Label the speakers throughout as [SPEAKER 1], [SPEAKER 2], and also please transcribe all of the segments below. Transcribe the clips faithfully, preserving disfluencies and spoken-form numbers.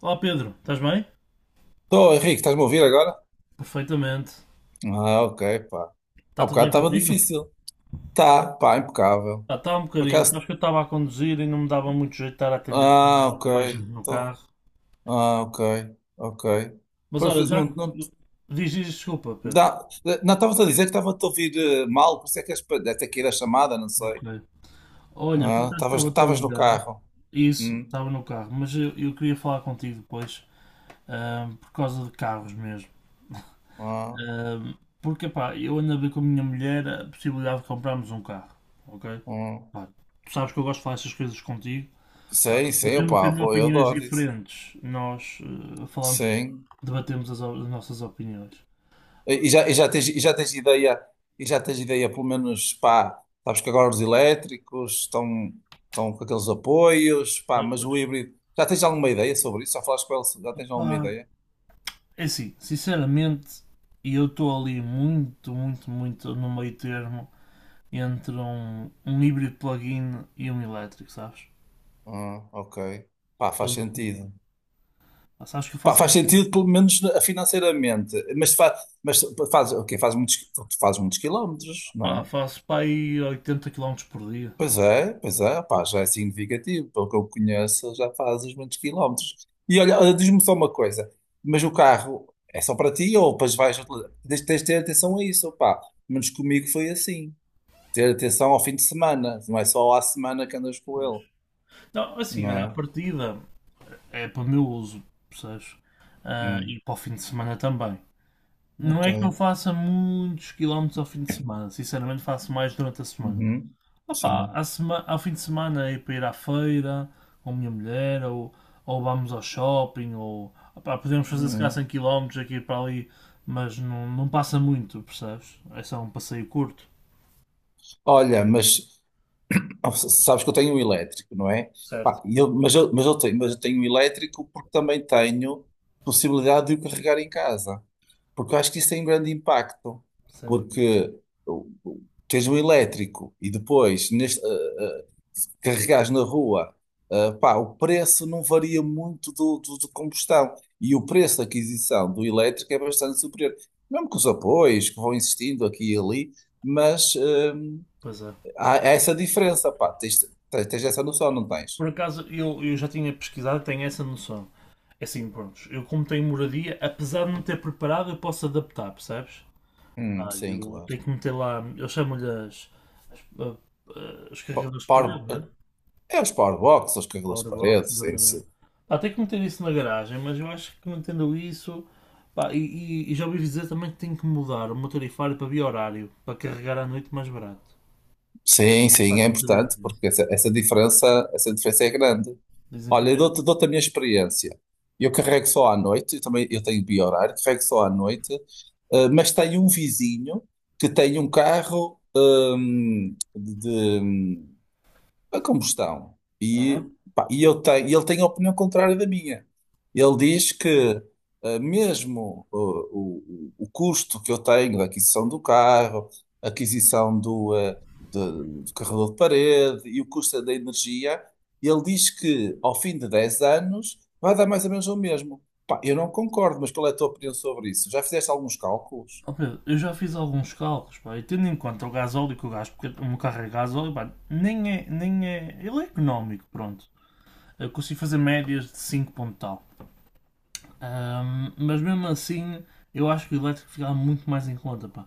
[SPEAKER 1] Olá Pedro, estás bem?
[SPEAKER 2] Estou, Henrique, estás-me a ouvir agora?
[SPEAKER 1] Perfeitamente.
[SPEAKER 2] Ah, ok, pá.
[SPEAKER 1] Está
[SPEAKER 2] Há
[SPEAKER 1] tudo
[SPEAKER 2] bocado
[SPEAKER 1] bem
[SPEAKER 2] estava
[SPEAKER 1] contigo?
[SPEAKER 2] difícil. Tá, pá, impecável.
[SPEAKER 1] Ah, está um
[SPEAKER 2] Por
[SPEAKER 1] bocadinho.
[SPEAKER 2] acaso.
[SPEAKER 1] Acho que eu estava a conduzir e não me dava muito jeito de estar a atender
[SPEAKER 2] Ah,
[SPEAKER 1] com
[SPEAKER 2] ok.
[SPEAKER 1] mais gente no
[SPEAKER 2] Então,
[SPEAKER 1] carro.
[SPEAKER 2] ah, ok, ok.
[SPEAKER 1] Mas
[SPEAKER 2] Pois,
[SPEAKER 1] olha,
[SPEAKER 2] pois,
[SPEAKER 1] já
[SPEAKER 2] não, não,
[SPEAKER 1] que. Diz, diz, desculpa, Pedro.
[SPEAKER 2] dá, não estavas a dizer que estava-te a ouvir eh, mal, por isso é que és, pa- deve ter que ir a chamada, não sei.
[SPEAKER 1] Ok. Olha, por
[SPEAKER 2] Ah,
[SPEAKER 1] acaso
[SPEAKER 2] estavas,
[SPEAKER 1] estava-te a
[SPEAKER 2] estavas no
[SPEAKER 1] ligar.
[SPEAKER 2] carro.
[SPEAKER 1] Isso,
[SPEAKER 2] Hum,
[SPEAKER 1] estava no carro, mas eu, eu queria falar contigo depois, ahm, por causa de carros mesmo.
[SPEAKER 2] ah,
[SPEAKER 1] Ahm, Porque, pá, eu ando a ver com a minha mulher a possibilidade de comprarmos um carro, ok?
[SPEAKER 2] hum.
[SPEAKER 1] Pá, tu sabes que eu gosto de falar essas coisas contigo.
[SPEAKER 2] Sei, sei,
[SPEAKER 1] Mesmo
[SPEAKER 2] opá,
[SPEAKER 1] tendo
[SPEAKER 2] pô, eu
[SPEAKER 1] opiniões
[SPEAKER 2] adoro isso.
[SPEAKER 1] diferentes, nós eh, falamos,
[SPEAKER 2] Sim.
[SPEAKER 1] debatemos as, o- as nossas opiniões.
[SPEAKER 2] E já, e já tens, e já tens ideia, e já tens ideia, pelo menos, pá, sabes que agora os elétricos estão, estão com aqueles apoios, pá,
[SPEAKER 1] Pois,
[SPEAKER 2] mas
[SPEAKER 1] pois.
[SPEAKER 2] o híbrido, já tens alguma ideia sobre isso? Já falaste com ele, já tens alguma
[SPEAKER 1] Pá,
[SPEAKER 2] ideia?
[SPEAKER 1] é assim, sinceramente, e eu estou ali muito, muito, muito no meio termo entre um, um híbrido plug-in e um elétrico, sabes?
[SPEAKER 2] Ah, ok. Pá, faz
[SPEAKER 1] Então,
[SPEAKER 2] sentido.
[SPEAKER 1] ah, sabes que eu
[SPEAKER 2] Pá,
[SPEAKER 1] faço,
[SPEAKER 2] faz sentido, pelo menos na- financeiramente, mas, fa, mas faz, ok, faz muitos, tu fazes muitos quilómetros, não
[SPEAKER 1] pá,
[SPEAKER 2] é?
[SPEAKER 1] faço para aí oitenta quilómetros por dia.
[SPEAKER 2] Pois é, pois é, pá, já é significativo. Pelo que eu conheço, já fazes muitos quilómetros. E olha, olha, diz-me só uma coisa, mas o carro é só para ti ou depois vais utilizar? Tens tens de ter atenção a isso, pá. Menos comigo foi assim. Ter atenção ao fim de semana, não é só à semana que andas com
[SPEAKER 1] Pois.
[SPEAKER 2] ele,
[SPEAKER 1] Não, assim,
[SPEAKER 2] não
[SPEAKER 1] olha, a
[SPEAKER 2] é?
[SPEAKER 1] partida é para o meu uso, percebes? Ah,
[SPEAKER 2] Hum,
[SPEAKER 1] e para o fim de semana também. Não
[SPEAKER 2] ok.
[SPEAKER 1] é que eu faça muitos quilómetros ao fim de semana, sinceramente faço mais durante a semana.
[SPEAKER 2] Uhum,
[SPEAKER 1] Opa,
[SPEAKER 2] sim.
[SPEAKER 1] a sema- ao fim de semana é para ir à feira com a minha mulher, ou, ou vamos ao shopping, ou opá, podemos fazer se calhar cem
[SPEAKER 2] Hum.
[SPEAKER 1] quilómetros aqui para ali, mas não, não passa muito, percebes? É só um passeio curto.
[SPEAKER 2] Olha, mas ah, sabes que eu tenho um elétrico, não é?
[SPEAKER 1] Certo,
[SPEAKER 2] Pá, e eu- mas, eu, mas, eu tenho, mas eu tenho um elétrico porque também tenho possibilidade de o carregar em casa. Porque eu acho que isso tem um grande impacto.
[SPEAKER 1] sem dúvida.
[SPEAKER 2] Porque o- o- tens um elétrico e depois neste, ah, ah, carregares na rua, ah, pá, o preço não varia muito do, do, do combustão. E o preço de aquisição do elétrico é bastante superior. Mesmo com os apoios que vão existindo aqui e ali, mas. hum,
[SPEAKER 1] Pois é.
[SPEAKER 2] há essa diferença, pá. Tens, tens, tens essa noção, não tens?
[SPEAKER 1] Por acaso eu, eu já tinha pesquisado, e tenho essa noção. É assim, pronto, eu como tenho moradia, apesar de não ter preparado, eu posso adaptar, percebes?
[SPEAKER 2] Hum,
[SPEAKER 1] Pá,
[SPEAKER 2] sim,
[SPEAKER 1] eu
[SPEAKER 2] claro.
[SPEAKER 1] tenho que meter lá, eu chamo-lhe as, as- a- a- os
[SPEAKER 2] Po-
[SPEAKER 1] carregadores de
[SPEAKER 2] Power,
[SPEAKER 1] parede,
[SPEAKER 2] eh,
[SPEAKER 1] né?
[SPEAKER 2] é os power box, os cabelos de parede,
[SPEAKER 1] Powerbox,
[SPEAKER 2] sim,
[SPEAKER 1] exatamente.
[SPEAKER 2] sim.
[SPEAKER 1] Pá, tenho que meter isso na garagem, mas eu acho que mantendo isso, pá, e, e- e já ouvi dizer também que tenho que mudar o meu tarifário para bi-horário, para carregar à noite mais barato.
[SPEAKER 2] Sim, sim,
[SPEAKER 1] Faz
[SPEAKER 2] é
[SPEAKER 1] muita
[SPEAKER 2] importante,
[SPEAKER 1] diferença.
[SPEAKER 2] porque essa, essa diferença, essa diferença é grande.
[SPEAKER 1] Dizem que
[SPEAKER 2] Olha, eu
[SPEAKER 1] é.
[SPEAKER 2] dou-te dou-te a minha experiência. Eu carrego só à noite, eu também eu tenho bi-horário, carrego só à noite, eh, mas tenho um vizinho que tem um carro hum, de, a combustão.
[SPEAKER 1] Aham.
[SPEAKER 2] E, pá, e eu tenho, e ele tem a opinião contrária da minha. Ele diz que eh, mesmo eh, o, o, o custo que eu tenho da aquisição do carro, aquisição do, eh, de- do carregador de parede e o custo da energia, ele diz que ao fim de dez anos vai dar mais ou menos o mesmo. Pá, eu não concordo, mas qual é a tua opinião sobre isso? Já fizeste alguns cálculos?
[SPEAKER 1] Ó Pedro, eu já fiz alguns cálculos, pá, e tendo em conta o gasóleo que eu gasto, porque o meu carro é gasóleo, pá, nem é, nem é, ele é económico, pronto. Eu consigo fazer médias de cinco ponto tal. Ahm, mas mesmo assim, eu acho que o elétrico ficava muito mais em conta, pá.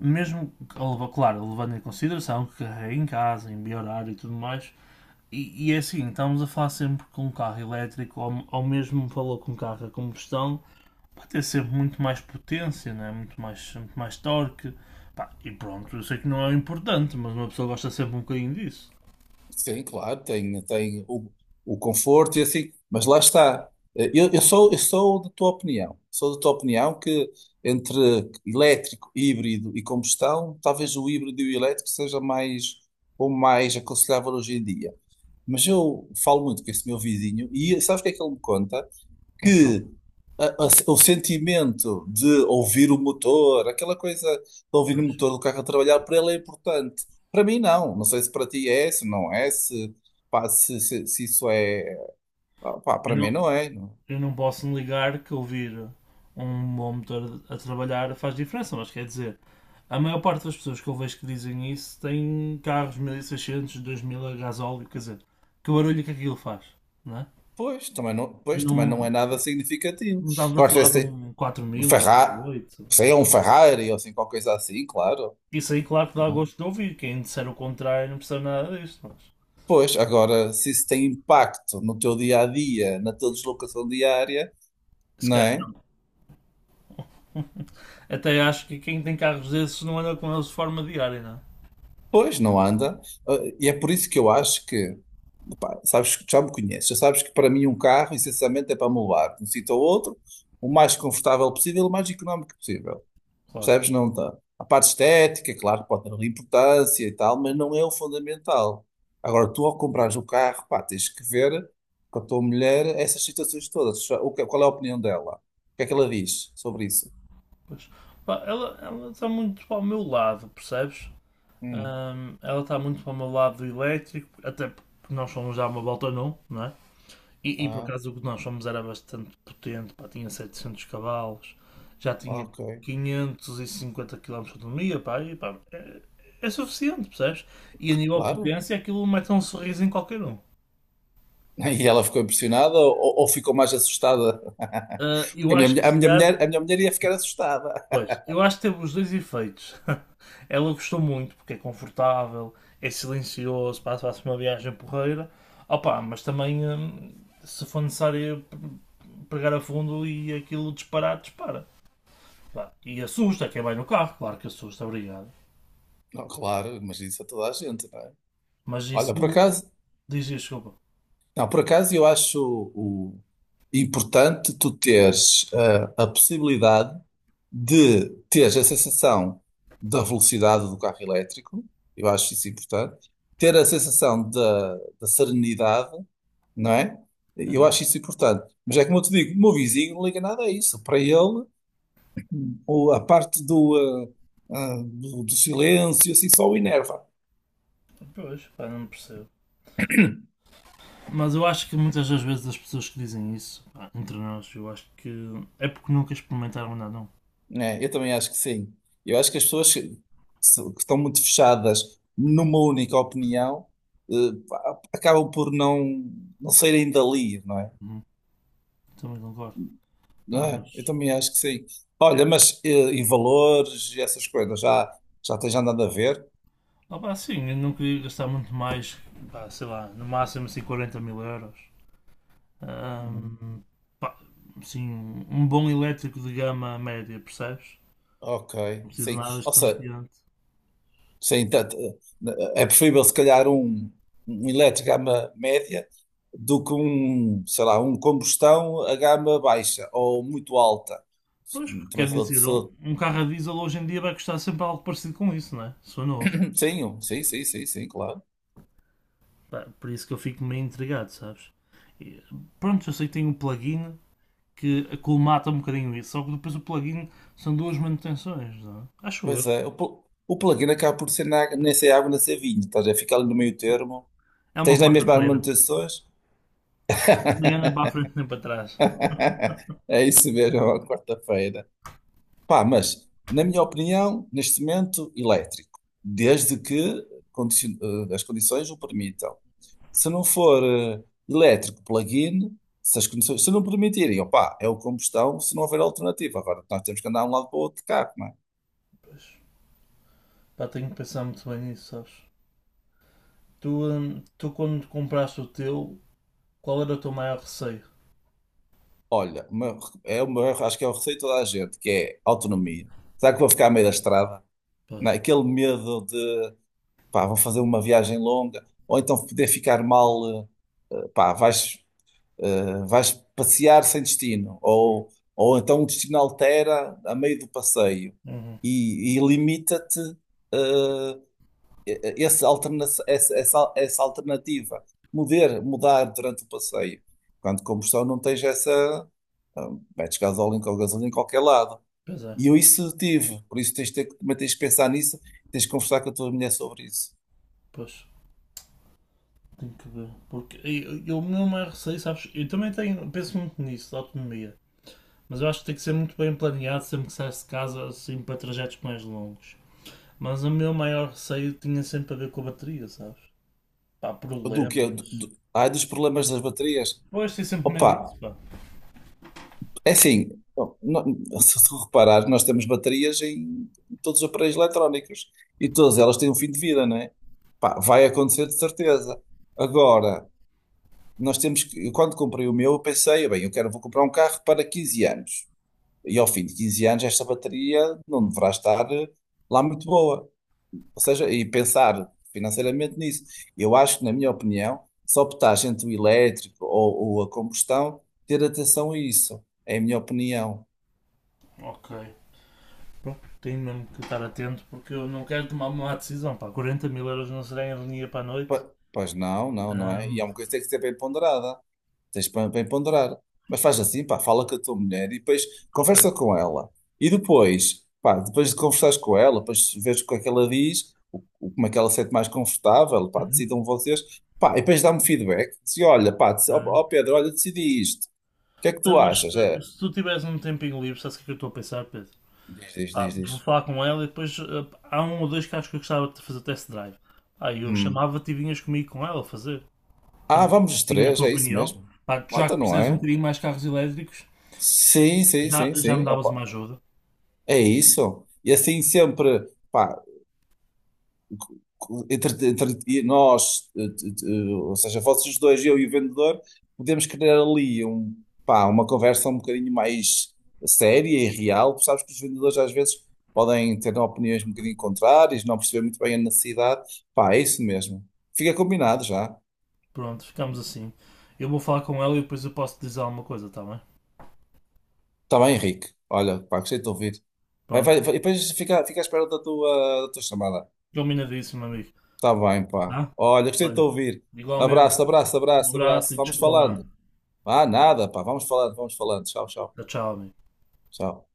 [SPEAKER 1] Mesmo, que- claro, levando em consideração que carrega em casa, em horário e tudo mais. E, e é assim, estamos a falar sempre com um carro elétrico, ou, ou mesmo falou com um carro a combustão, vai ter sempre muito mais potência, né? Muito, mais, muito mais torque. Pá, e pronto, eu sei que não é importante, mas uma pessoa gosta sempre um bocadinho disso.
[SPEAKER 2] Sim, claro, tem, tem o, o conforto e assim, mas lá está. Eh, Eu, eu sou, eu sou da tua opinião. Sou da tua opinião que entre elétrico, híbrido e combustão, talvez o híbrido e o elétrico seja mais ou mais aconselhável hoje em dia. Mas eu falo muito com esse meu vizinho e sabes o que é que ele me conta?
[SPEAKER 1] Então,
[SPEAKER 2] Que a- a- o sentimento de ouvir o motor, aquela coisa de ouvir o
[SPEAKER 1] pois.
[SPEAKER 2] motor do carro a trabalhar, para ele é importante. Para mim, não. Não sei se para ti é, se não é, se, pá, se, se, se isso é. ah, Pá,
[SPEAKER 1] Eu
[SPEAKER 2] para mim
[SPEAKER 1] não,
[SPEAKER 2] não é. Não.
[SPEAKER 1] eu não posso negar que ouvir um bom motor a trabalhar faz diferença, mas quer dizer, a maior parte das pessoas que eu vejo que dizem isso têm carros mil e seiscentos, dois mil a gasóleo, quer dizer, que barulho que aquilo faz, não é?
[SPEAKER 2] Pois, também não, pois, também não
[SPEAKER 1] Não,
[SPEAKER 2] é nada significativo.
[SPEAKER 1] não estávamos a
[SPEAKER 2] Gosto
[SPEAKER 1] falar de
[SPEAKER 2] de
[SPEAKER 1] um quatro mil, um
[SPEAKER 2] Ferrari,
[SPEAKER 1] dois mil e oito.
[SPEAKER 2] sei, é um Ferrari ou assim, qualquer coisa assim, claro.
[SPEAKER 1] Isso aí, claro que dá
[SPEAKER 2] mas-
[SPEAKER 1] gosto de ouvir, quem disser o contrário não percebe nada disto, mas
[SPEAKER 2] Pois, agora, se isso tem impacto no teu dia a dia, na tua deslocação diária,
[SPEAKER 1] se
[SPEAKER 2] não
[SPEAKER 1] calhar
[SPEAKER 2] é?
[SPEAKER 1] não. Até acho que quem tem carros desses não anda com eles de forma diária, não é?
[SPEAKER 2] Pois, não anda. Ah, e é por isso que eu acho que, pá, sabes, que já me conheces, já sabes que para mim um carro, essencialmente, é para me levar de um sítio ao outro, o mais confortável possível, o mais económico possível.
[SPEAKER 1] Claro.
[SPEAKER 2] Percebes? Não está. A parte estética, claro que pode ter ali importância e tal, mas não é o fundamental. Agora, tu ao comprares o carro, pá, tens que ver com a tua mulher essas situações todas. O que- Qual é a opinião dela? O que é que ela diz sobre isso?
[SPEAKER 1] Pois. Pá, ela está muito para o meu lado, percebes?
[SPEAKER 2] Hum.
[SPEAKER 1] Ahm, ela está muito para o meu lado do elétrico, até porque nós somos já uma volta num, não é? E, e por
[SPEAKER 2] Ah,
[SPEAKER 1] acaso o que nós fomos era bastante potente, pá, tinha setecentos cavalos, já tinha
[SPEAKER 2] ok.
[SPEAKER 1] quinhentos e cinquenta quilómetros de autonomia, pá, e pá, é, é suficiente, percebes? E a nível de
[SPEAKER 2] Claro.
[SPEAKER 1] potência aquilo mete um sorriso em qualquer um.
[SPEAKER 2] E ela ficou impressionada ou, ou ficou mais assustada?
[SPEAKER 1] Ah, eu
[SPEAKER 2] Porque a minha,
[SPEAKER 1] acho que
[SPEAKER 2] mulher- a
[SPEAKER 1] se
[SPEAKER 2] minha
[SPEAKER 1] calhar
[SPEAKER 2] mulher, a minha mulher ia ficar assustada.
[SPEAKER 1] pois, eu acho que teve os dois efeitos. Ela gostou muito porque é confortável, é silencioso, passa se uma viagem porreira. Opa, mas também hum, se for necessário pegar a fundo e aquilo disparar, dispara. Pá, e assusta quem vai no carro, claro que assusta, obrigado.
[SPEAKER 2] Não, claro, mas isso a toda a gente, não é?
[SPEAKER 1] Mas
[SPEAKER 2] Olha,
[SPEAKER 1] isso
[SPEAKER 2] por
[SPEAKER 1] não-
[SPEAKER 2] acaso,
[SPEAKER 1] diz desculpa.
[SPEAKER 2] não, por acaso eu acho o, importante tu teres eh, a possibilidade de teres a sensação da velocidade do carro elétrico, eu acho isso importante, ter a sensação da, da serenidade, não é? Eu
[SPEAKER 1] Uhum.
[SPEAKER 2] acho isso importante. Mas é como eu te digo, o meu vizinho não liga nada a isso. Para ele, O- a parte do, ah, ah, do, do silêncio, assim, só o enerva.
[SPEAKER 1] Pois, pá, não percebo. Mas eu acho que muitas das vezes as pessoas que dizem isso, pá, entre nós, eu acho que é porque nunca experimentaram nada, não.
[SPEAKER 2] Né, eu também acho que sim. Eu acho que as pessoas que, se- que estão muito fechadas numa única opinião, eh, pá, acabam por não, não saírem dali, não é?
[SPEAKER 1] Uhum. Também concordo.
[SPEAKER 2] Não
[SPEAKER 1] Pá,
[SPEAKER 2] é? Eu
[SPEAKER 1] mas
[SPEAKER 2] também acho que sim. Olha, mas eh, e valores e essas coisas, já, já tens andado a ver?
[SPEAKER 1] ah, pá, sim, eu não queria gastar muito mais, pá, sei lá, no máximo assim quarenta mil euros. Ahm, Pá, sim, um bom elétrico de gama média, percebes?
[SPEAKER 2] Ok,
[SPEAKER 1] Não preciso de
[SPEAKER 2] sim.
[SPEAKER 1] nada
[SPEAKER 2] Ou seja,
[SPEAKER 1] estonteante.
[SPEAKER 2] sim, tanto, eh, é preferível se calhar um, um elétrico à gama média do que um, sei lá, um combustão a gama baixa ou muito alta.
[SPEAKER 1] Pois,
[SPEAKER 2] Sim, Também
[SPEAKER 1] quer
[SPEAKER 2] sou,
[SPEAKER 1] dizer, um,
[SPEAKER 2] sou
[SPEAKER 1] um carro a diesel hoje em dia vai custar sempre algo parecido com isso, não é? Se for novo.
[SPEAKER 2] sim, um- sim, sim, sim, sim, claro.
[SPEAKER 1] Pá, por isso que eu fico meio intrigado, sabes? E, pronto, eu sei que tem um plugin que acolmata um bocadinho isso, só que depois o plugin são duas manutenções, não é? Acho
[SPEAKER 2] Pois
[SPEAKER 1] eu.
[SPEAKER 2] é, o, pl- o plug-in acaba por ser na- nem ser água, nem ser vinho, estás a ficar ali no meio termo.
[SPEAKER 1] É uma
[SPEAKER 2] Tens nem mesmo as
[SPEAKER 1] quarta-feira.
[SPEAKER 2] manutenções?
[SPEAKER 1] Nem anda para a frente nem para trás.
[SPEAKER 2] É isso mesmo, é uma quarta-feira. Pá, mas, na minha opinião, neste momento, elétrico, desde que condici- eh, as condições o permitam. Se não for eh, elétrico plug-in, se as condições se não permitirem, opá, é o combustão se não houver alternativa. Agora, nós temos que andar de um lado para o outro de carro, não é?
[SPEAKER 1] Pá, tenho que pensar muito bem nisso, sabes? Tu, hum, tu quando compraste o teu, qual era o teu maior receio?
[SPEAKER 2] Olha, uma- é uma, acho que é o receio de toda a gente, que é autonomia. Será que vou ficar a meio da estrada?
[SPEAKER 1] Pois.
[SPEAKER 2] Não é? Aquele medo de, pá, vou fazer uma viagem longa, ou então poder ficar mal. Eh, pá, vais. Uh, vais passear sem destino, ou, ou então o destino altera a meio do passeio
[SPEAKER 1] Uhum.
[SPEAKER 2] e, e limita-te uh, esse alterna- essa, essa, essa alternativa. Mudar, mudar durante o passeio. Quando combustão não tens essa. ah, Metes gasolina ou gasolina em qualquer lado.
[SPEAKER 1] Pois é,
[SPEAKER 2] E eu isso tive, por isso tens de ter, que- também tens de pensar nisso, tens de conversar com a tua mulher sobre isso.
[SPEAKER 1] pois. Tenho que ver. Porque eu, eu- o meu maior receio, sabes? Eu também tenho, penso muito nisso, da autonomia. Mas eu acho que tem que ser muito bem planeado sempre que saísse de casa, assim, para trajetos mais longos. Mas o meu maior receio tinha sempre a ver com a bateria, sabes? Pá,
[SPEAKER 2] Do que é? Do,
[SPEAKER 1] problemas.
[SPEAKER 2] do, ai, dos problemas das baterias.
[SPEAKER 1] Pois, tenho sempre medo
[SPEAKER 2] Opa,
[SPEAKER 1] disso, pá.
[SPEAKER 2] é assim, bom, não- se tu reparares, nós temos baterias em todos os aparelhos eletrónicos e todas elas têm um fim de vida, não é? Pá, vai acontecer de certeza. Agora, nós temos que, eu quando comprei o meu, eu pensei, bem, eu quero, vou comprar um carro para quinze anos. E ao fim de quinze anos, esta bateria não deverá estar eh, lá muito boa. Ou seja, e pensar financeiramente nisso. Eu acho que, na minha opinião, se optares entre o elétrico ou, ou a combustão, ter atenção a isso. É a minha opinião.
[SPEAKER 1] Ok. Pronto, tenho mesmo que estar atento porque eu não quero tomar uma má decisão. Pá. quarenta mil euros não será em linha para a noite.
[SPEAKER 2] Po- Pois não, não, não é? E é
[SPEAKER 1] Ahm,
[SPEAKER 2] uma coisa que tem que ser bem ponderada. Tens para, para ponderar. Mas faz assim, pá, fala com a tua mulher e depois
[SPEAKER 1] ok.
[SPEAKER 2] conversa com ela. E depois, pá, depois de conversares com ela, depois vês o que é que ela diz, o, o- como é que ela se sente mais confortável, pá,
[SPEAKER 1] Uhum,
[SPEAKER 2] decidam vocês. Pá, e depois dá-me feedback. Diz, olha, pá, dec- ó
[SPEAKER 1] bem.
[SPEAKER 2] ó Pedro, olha, decidi isto. O que é que
[SPEAKER 1] Ah,
[SPEAKER 2] tu
[SPEAKER 1] mas
[SPEAKER 2] achas?
[SPEAKER 1] eh,
[SPEAKER 2] É,
[SPEAKER 1] se tu tivesse um tempinho livre, sabes o que é que eu estou a pensar, Pedro?
[SPEAKER 2] diz, diz,
[SPEAKER 1] Pá,
[SPEAKER 2] diz,
[SPEAKER 1] vou
[SPEAKER 2] diz.
[SPEAKER 1] falar com ela e depois eh, há um ou dois carros que eu gostava de fazer test drive. Ah, eu
[SPEAKER 2] Hum.
[SPEAKER 1] chamava-te e vinhas comigo com ela fazer.
[SPEAKER 2] Ah,
[SPEAKER 1] Também
[SPEAKER 2] vamos os
[SPEAKER 1] tinha a
[SPEAKER 2] três,
[SPEAKER 1] tua
[SPEAKER 2] é isso
[SPEAKER 1] opinião.
[SPEAKER 2] mesmo.
[SPEAKER 1] Pá, já
[SPEAKER 2] Mota,
[SPEAKER 1] que
[SPEAKER 2] não
[SPEAKER 1] percebes um
[SPEAKER 2] é?
[SPEAKER 1] bocadinho mais carros elétricos,
[SPEAKER 2] Sim, sim,
[SPEAKER 1] já,
[SPEAKER 2] sim,
[SPEAKER 1] já me
[SPEAKER 2] sim.
[SPEAKER 1] davas
[SPEAKER 2] Opa,
[SPEAKER 1] uma ajuda.
[SPEAKER 2] é isso. E assim sempre. Pá, entre, entre nós, eh, t- eh, ou seja, vocês dois, eu e o vendedor, podemos criar ali um, pá, uma conversa um bocadinho mais séria e real. Tu sabes que os vendedores às vezes podem ter opiniões um bocadinho contrárias, não perceber muito bem a necessidade. Pá, é isso mesmo. Fica combinado já.
[SPEAKER 1] Pronto, ficamos assim. Eu vou falar com ela e depois eu posso te dizer alguma coisa, tá bem?
[SPEAKER 2] Está bem, Henrique. Olha, pá, gostei de te ouvir. Vai, vai,
[SPEAKER 1] Pronto.
[SPEAKER 2] vai, e depois fica, fica à espera da tua, da tua chamada.
[SPEAKER 1] Combinadíssimo, amigo.
[SPEAKER 2] Está bem, pá.
[SPEAKER 1] Tá?
[SPEAKER 2] Olha, gostei de te
[SPEAKER 1] Olha,
[SPEAKER 2] ouvir.
[SPEAKER 1] igualmente,
[SPEAKER 2] Abraço, abraço,
[SPEAKER 1] um
[SPEAKER 2] abraço,
[SPEAKER 1] abraço
[SPEAKER 2] abraço.
[SPEAKER 1] e
[SPEAKER 2] Vamos
[SPEAKER 1] desculpa lá.
[SPEAKER 2] falando. Ah, nada, pá. Vamos falando, vamos falando. Tchau, tchau,
[SPEAKER 1] Tchau, tchau, amigo.
[SPEAKER 2] tchau.